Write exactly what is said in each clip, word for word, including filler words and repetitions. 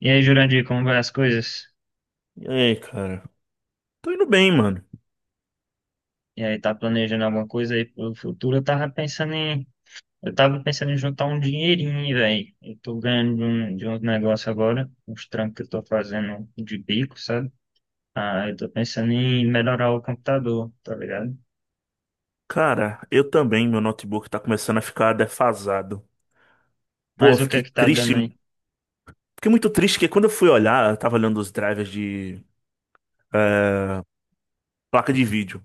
E aí, Jurandir, como vai as coisas? E aí, cara? Tô indo bem, mano. E aí, tá planejando alguma coisa aí pro futuro? Eu tava pensando em, eu tava pensando em juntar um dinheirinho, velho. Eu tô ganhando de um, de um negócio agora, uns trampos que eu tô fazendo de bico, sabe? Ah, eu tô pensando em melhorar o computador, tá ligado? Cara, eu também, meu notebook tá começando a ficar defasado. Pô, eu Mas o que é fiquei que tá triste. dando aí? Fiquei muito triste que quando eu fui olhar, eu tava olhando os drivers de placa de vídeo.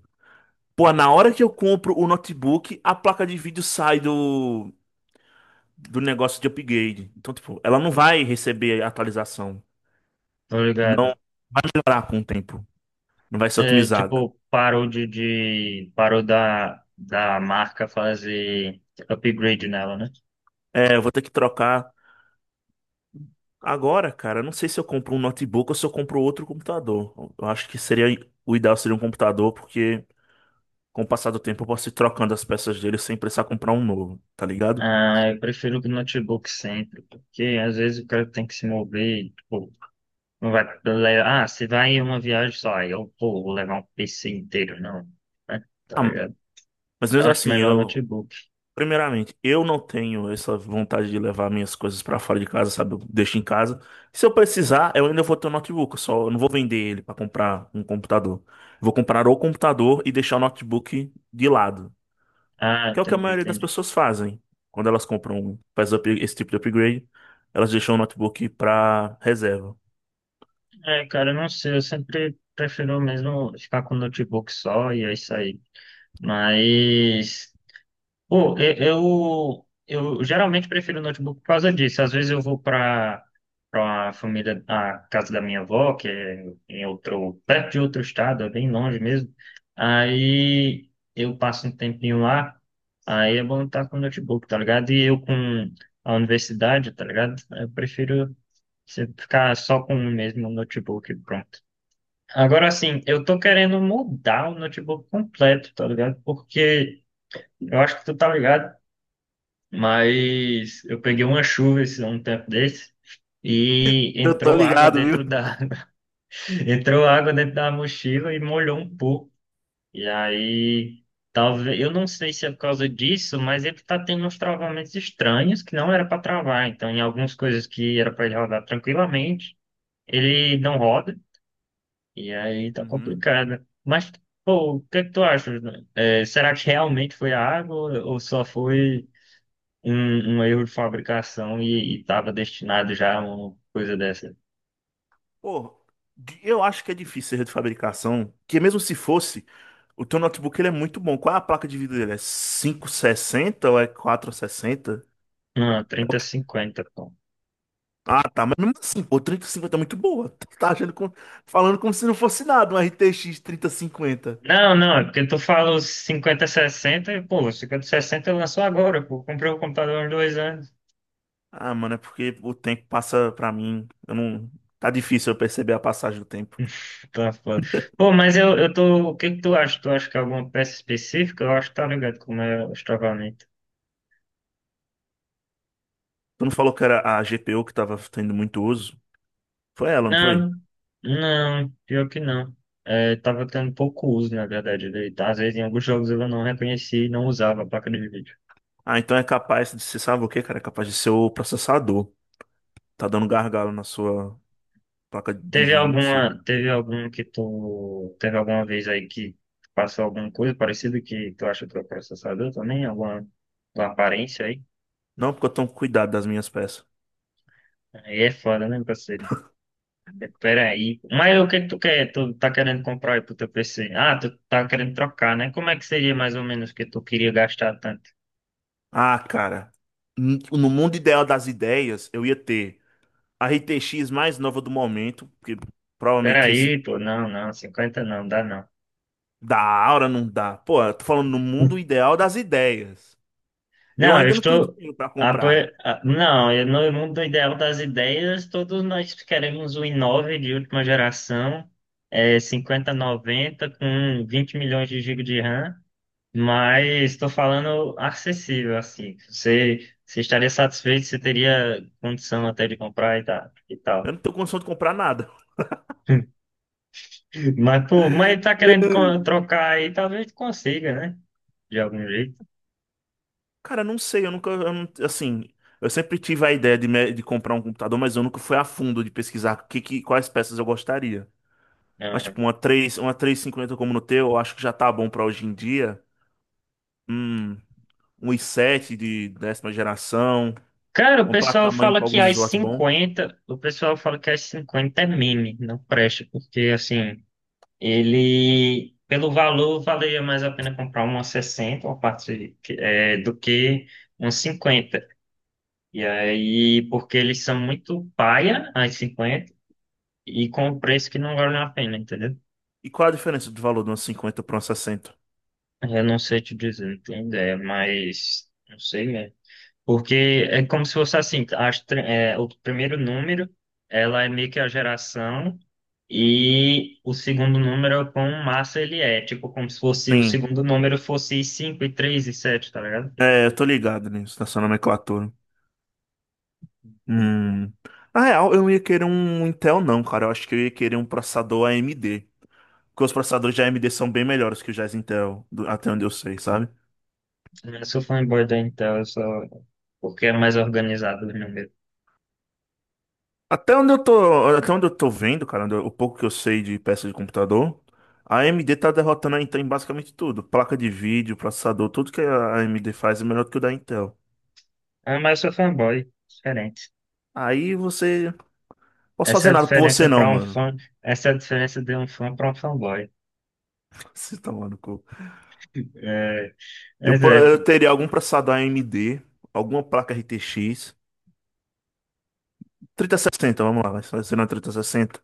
Pô, na hora que eu compro o notebook, a placa de vídeo sai do, do negócio de upgrade. Então, tipo, ela não vai receber atualização. Tô ligado. Não vai melhorar com o tempo. Não vai ser É, otimizada. tipo, parou de, de, parou da, da marca fazer upgrade nela, né? É, eu vou ter que trocar. Agora, cara, eu não sei se eu compro um notebook ou se eu compro outro computador. Eu acho que seria o ideal seria um computador, porque com o passar do tempo eu posso ir trocando as peças dele sem precisar comprar um novo, tá ligado? Ah, eu prefiro o notebook sempre, porque às vezes o cara tem que se mover, e, tipo, não vai levar, ah, você vai em uma viagem só, aí eu, pô, vou levar um P C inteiro, não, né? Tá Ah, ligado? mas Eu mesmo acho assim, melhor eu, notebook. primeiramente, eu não tenho essa vontade de levar minhas coisas pra fora de casa, sabe? Eu deixo em casa. Se eu precisar, eu ainda vou ter um notebook, eu só eu não vou vender ele pra comprar um computador. Vou comprar o computador e deixar o notebook de lado. Ah, Que é o que a entendi, maioria das entendi. pessoas fazem. Quando elas compram, um, faz up- esse tipo de upgrade, elas deixam o notebook para reserva. É, cara, eu não sei, eu sempre prefiro mesmo ficar com notebook só e é isso aí. Mas. Pô, e- eu, eu geralmente prefiro notebook por causa disso. Às vezes eu vou para para a família, a casa da minha avó, que é em outro, perto de outro estado, é bem longe mesmo. Aí eu passo um tempinho lá, aí é bom estar com notebook, tá ligado? E eu com a universidade, tá ligado? Eu prefiro se- ficar só com o mesmo notebook, e pronto. Agora sim, eu tô querendo mudar o notebook completo, tá ligado? Porque eu acho que tu tá ligado. Mas eu peguei uma chuva esse, um tempo desse e Eu tô entrou água ligado, viu? dentro da entrou água dentro da mochila e molhou um pouco. E aí, talvez, eu não sei se é por causa disso, mas ele tá tendo uns travamentos estranhos que não era para travar. Então, em algumas coisas que era para ele rodar tranquilamente, ele não roda. E aí tá Uhum. complicado. Mas, pô, o que é que tu acha, né? É, será que realmente foi a água ou só foi um, um erro de fabricação e estava destinado já a uma coisa dessa. Pô, di- eu acho que é difícil erro de fabricação, que mesmo se fosse, o teu notebook ele é muito bom. Qual é a placa de vídeo dele? É cinco sessenta ou é quatro sessenta? Não, É o trinta que- cinquenta, pô. Ah, tá, mas mesmo assim, pô, trinta e cinquenta é muito boa. Tá achando com... falando como se não fosse nada, um R T X cinquenta. Não, não, é porque tu fala os cinquenta sessenta e, pô, cinquenta sessenta lançou agora, pô. Comprei o computador há dois anos. Ah, mano, é porque o tempo passa pra mim. Eu não. Tá difícil eu perceber a passagem do tempo. Tá foda. Pô, mas eu, eu tô. O que que tu acha? Tu acha que é alguma peça específica? Eu acho que tá ligado como é o estravamento. Tu não falou que era a G P U que tava tendo muito uso? Foi ela, não foi? Não, não, pior que não. É, tava tendo pouco uso, na verdade, dele, tá? Às vezes em alguns jogos eu não reconhecia e não usava a placa de vídeo. Ah, então é capaz de ser, sabe o quê, cara? É capaz de ser o processador. Tá dando gargalo na sua placa de Teve vídeo, não sei. alguma, teve algum que tu, teve alguma vez aí que passou alguma coisa parecida que tu acha que tu é processador também? Alguma, alguma aparência aí? Não, porque eu tomo cuidado das minhas peças. Aí é foda, né, parceiro? É, peraí. Mas o que que tu quer? Tu tá querendo comprar aí pro teu P C? Ah, tu tá querendo trocar, né? Como é que seria mais ou menos que tu queria gastar tanto? Ah, cara. n- No mundo ideal das ideias, eu ia ter a R T X mais nova do momento, porque provavelmente esse Peraí, pô, não, não, cinquenta não, dá não. da Aura não dá. Pô, eu tô falando no mundo ideal das ideias. Eu Não, eu ainda não tenho estou. dinheiro pra apo- comprar. a- Não, eu- no mundo ideal das ideias, todos nós queremos o i nove de última geração, é, cinquenta noventa com vinte milhões de gigas de RAM, mas estou falando acessível, assim. Você, você estaria satisfeito, você teria condição até de comprar e tal. E Eu tal. não tenho condição de comprar nada. Mas, pô, mas tá querendo co- trocar aí, talvez consiga, né? De algum jeito. Cara, eu não sei, eu nunca, eu não- assim, eu sempre tive a ideia de, me- de comprar um computador, mas eu nunca fui a fundo de pesquisar que, que- quais peças eu gostaria. Mas tipo, uma três, uma três e cinquenta como no teu, eu acho que já tá bom pra hoje em dia. Hum, um i sete de décima geração, Cara, o uma pessoal placa-mãe fala com que alguns as slots. cinquenta, o pessoal fala que as cinquenta é meme, não presta, porque assim, ele, pelo valor, valeria mais a pena comprar uma sessenta uma parte que- é, do que uma cinquenta. E aí, porque eles são muito paia, as cinquenta e com um preço que não vale a pena, entendeu? E qual a diferença de valor de uma cinquenta para uma sessenta? Eu não sei te dizer, não tenho ideia, mas não sei mesmo. Porque é como se fosse assim, as, tre- é, o primeiro número, ela é meio que a geração, e o segundo número é quão massa ele é. Tipo, como se fosse o Sim. segundo número fosse cinco e três e sete, tá ligado? É, eu tô ligado nisso, nessa nomenclatura. Hum. Na real, eu não ia querer um Intel, não, cara. Eu acho que eu ia querer um processador A M D. Porque os processadores de A M D são bem melhores que os da Intel, do- até onde eu sei, sabe? Eu sou fanboy da Intel, eu sou... porque é mais organizado o número. Até onde eu tô, até onde eu tô vendo, cara, onde eu- o pouco que eu sei de peça de computador, a AMD tá derrotando a Intel em basicamente tudo. Placa de vídeo, processador, tudo que a AMD faz é melhor do que o da Intel. Ah, mas eu sou fanboy, diferente. Aí você. Posso Essa é fazer a nada por você diferença não, para um mano. fã, essa é a diferença de um fã para um fanboy. Você tá maluco. Eu, É, pro- eu teria algum processador A M D, alguma placa R T X sessenta, vamos lá, vai ser na trinta e sessenta.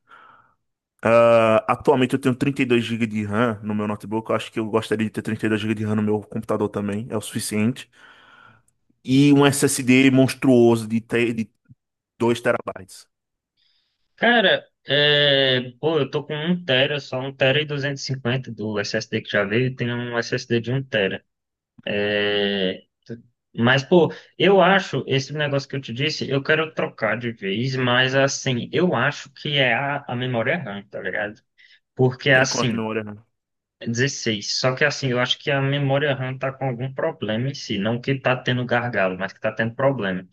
Ah, atualmente eu tenho trinta e dois gigas de RAM no meu notebook. Eu acho que eu gostaria de ter trinta e dois gigas de RAM no meu computador também. É o suficiente. E um S S D monstruoso de, tre- de dois terabytes. cara, é, pô, eu tô com um tera, só um tera e duzentos e cinquenta do S S D que já veio, e tem um S S D de um tera. É, mas, pô, eu acho, esse negócio que eu te disse, eu quero trocar de vez, mas assim, eu acho que é a, a memória RAM, tá ligado? Porque Tem quanto assim, memória RAM? dezesseis. Só que assim, eu acho que a memória RAM tá com algum problema em si. Não que tá tendo gargalo, mas que tá tendo problema.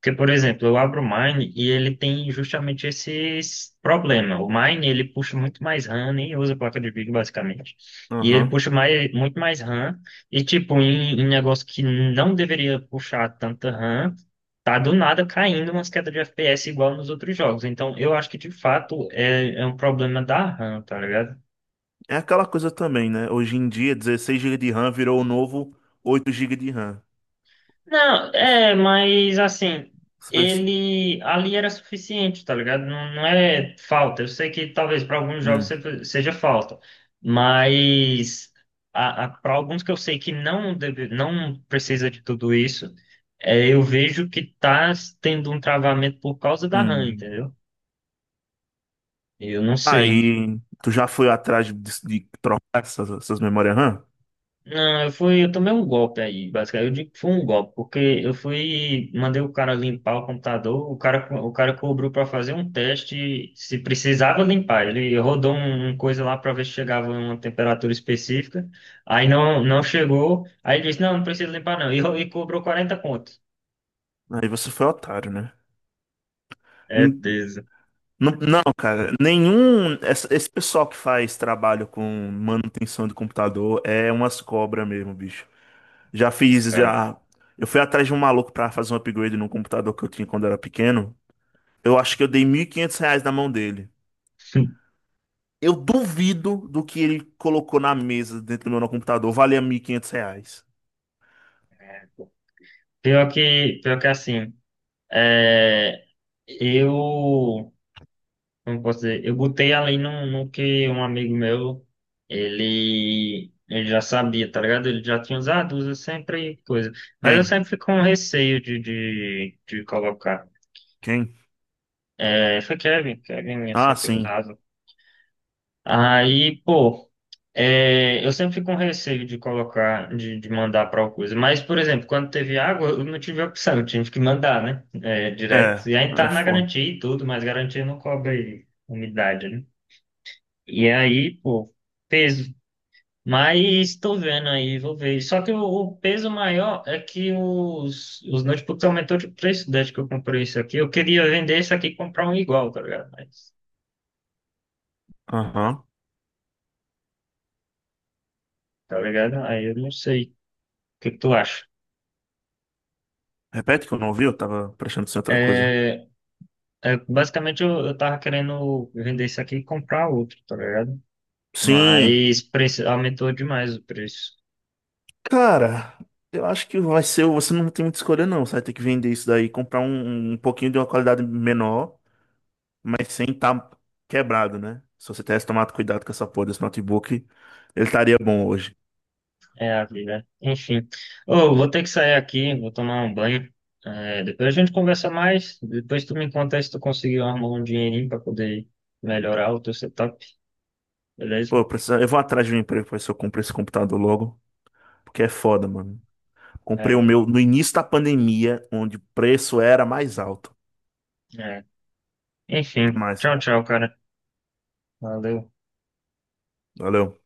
Porque, por exemplo, eu abro o Mine e ele tem justamente esse problema. O Mine, ele puxa muito mais RAM, nem usa placa de vídeo, basicamente. E ele Aham. puxa mais, muito mais RAM. E, tipo, em, em negócio que não deveria puxar tanta RAM, tá do nada caindo umas quedas de F P S igual nos outros jogos. Então, eu acho que, de fato, é, é um problema da RAM, tá ligado? É aquela coisa também, né? Hoje em dia, dezesseis gigas de RAM virou o novo oito gigas de RAM. Não, Os- é, mas assim, os preços- ele ali era suficiente, tá ligado? Não, não é falta. Eu sei que talvez para alguns jogos Hum, se- seja falta, mas para alguns que eu sei que não deve, não precisa de tudo isso, é, eu vejo que tá tendo um travamento por causa da RAM, hum. entendeu? Eu não sei. Aí, tu já foi atrás de, de trocar essas, essas memórias RAM? Não, eu fui, eu tomei um golpe aí, basicamente. Eu digo que foi um golpe, porque eu fui, mandei o cara limpar o computador, o cara, co- o cara cobrou para fazer um teste se precisava limpar. Ele rodou um- uma coisa lá para ver se chegava a uma temperatura específica. Aí não, não chegou. Aí ele disse, não, não precisa limpar não. E, ro- e cobrou quarenta conto. Aí você foi otário, né? É Min- peso. Não, não, cara, nenhum. essa- Esse pessoal que faz trabalho com manutenção de computador é umas cobras mesmo, bicho. Já fiz, Cara. já. Eu fui atrás de um maluco pra fazer um upgrade num computador que eu tinha quando eu era pequeno. Eu acho que eu dei mil e quinhentos reais na mão dele. Eu duvido do que ele colocou na mesa dentro do meu no computador. Valia mil e quinhentos reais. Pior que, pior que assim, é, eu, como posso dizer, eu botei ali no, no que um amigo meu, ele, ele já sabia, tá ligado? Ele já tinha usado, usa sempre coisa. Mas eu Quem? sempre fico com receio de, de, de colocar. Quem? É, foi Kevin, Kevin eu Ah, sempre sim. usava. Aí, pô, é, eu sempre fico com receio de colocar, de, de mandar para alguma coisa. Mas, por exemplo, quando teve água, eu não tive opção, eu tive que mandar, né? É, direto. É, E aí tá é na foda. garantia e tudo, mas garantia não cobre umidade, né? E aí, pô, peso. Mas tô vendo aí, vou ver. Só que o, o peso maior é que os, os notebooks aumentou de preço desde que eu comprei isso aqui. Eu queria vender isso aqui e comprar um igual, tá ligado? Mas, Aham. tá ligado? Aí eu não sei. O que que tu acha? Repete que eu não ouvi, eu tava prestando atenção em outra coisa. É, é, basicamente, eu, eu tava querendo vender isso aqui e comprar outro, tá ligado? Sim. Mas preço, aumentou demais o preço. Cara, eu acho que vai ser. Você não tem muita escolha, não. Você vai ter que vender isso daí, comprar um, um pouquinho de uma qualidade menor. Mas sem estar quebrado, né? Se você tivesse tomado cuidado com essa porra desse notebook, ele estaria bom hoje. É a vida. Enfim. Ô, vou ter que sair aqui, vou tomar um banho. É, depois a gente conversa mais. Depois tu me conta aí se tu conseguiu arrumar um dinheirinho para poder melhorar o teu setup, beleza? Pô, eu, preciso- eu vou atrás de um emprego pra ver se eu compro esse computador logo, porque é foda, mano. Comprei o É, meu no início da pandemia, onde o preço era mais alto. é. Até Enfim. mais, Tchau, cara. tchau, cara. Valeu. Valeu.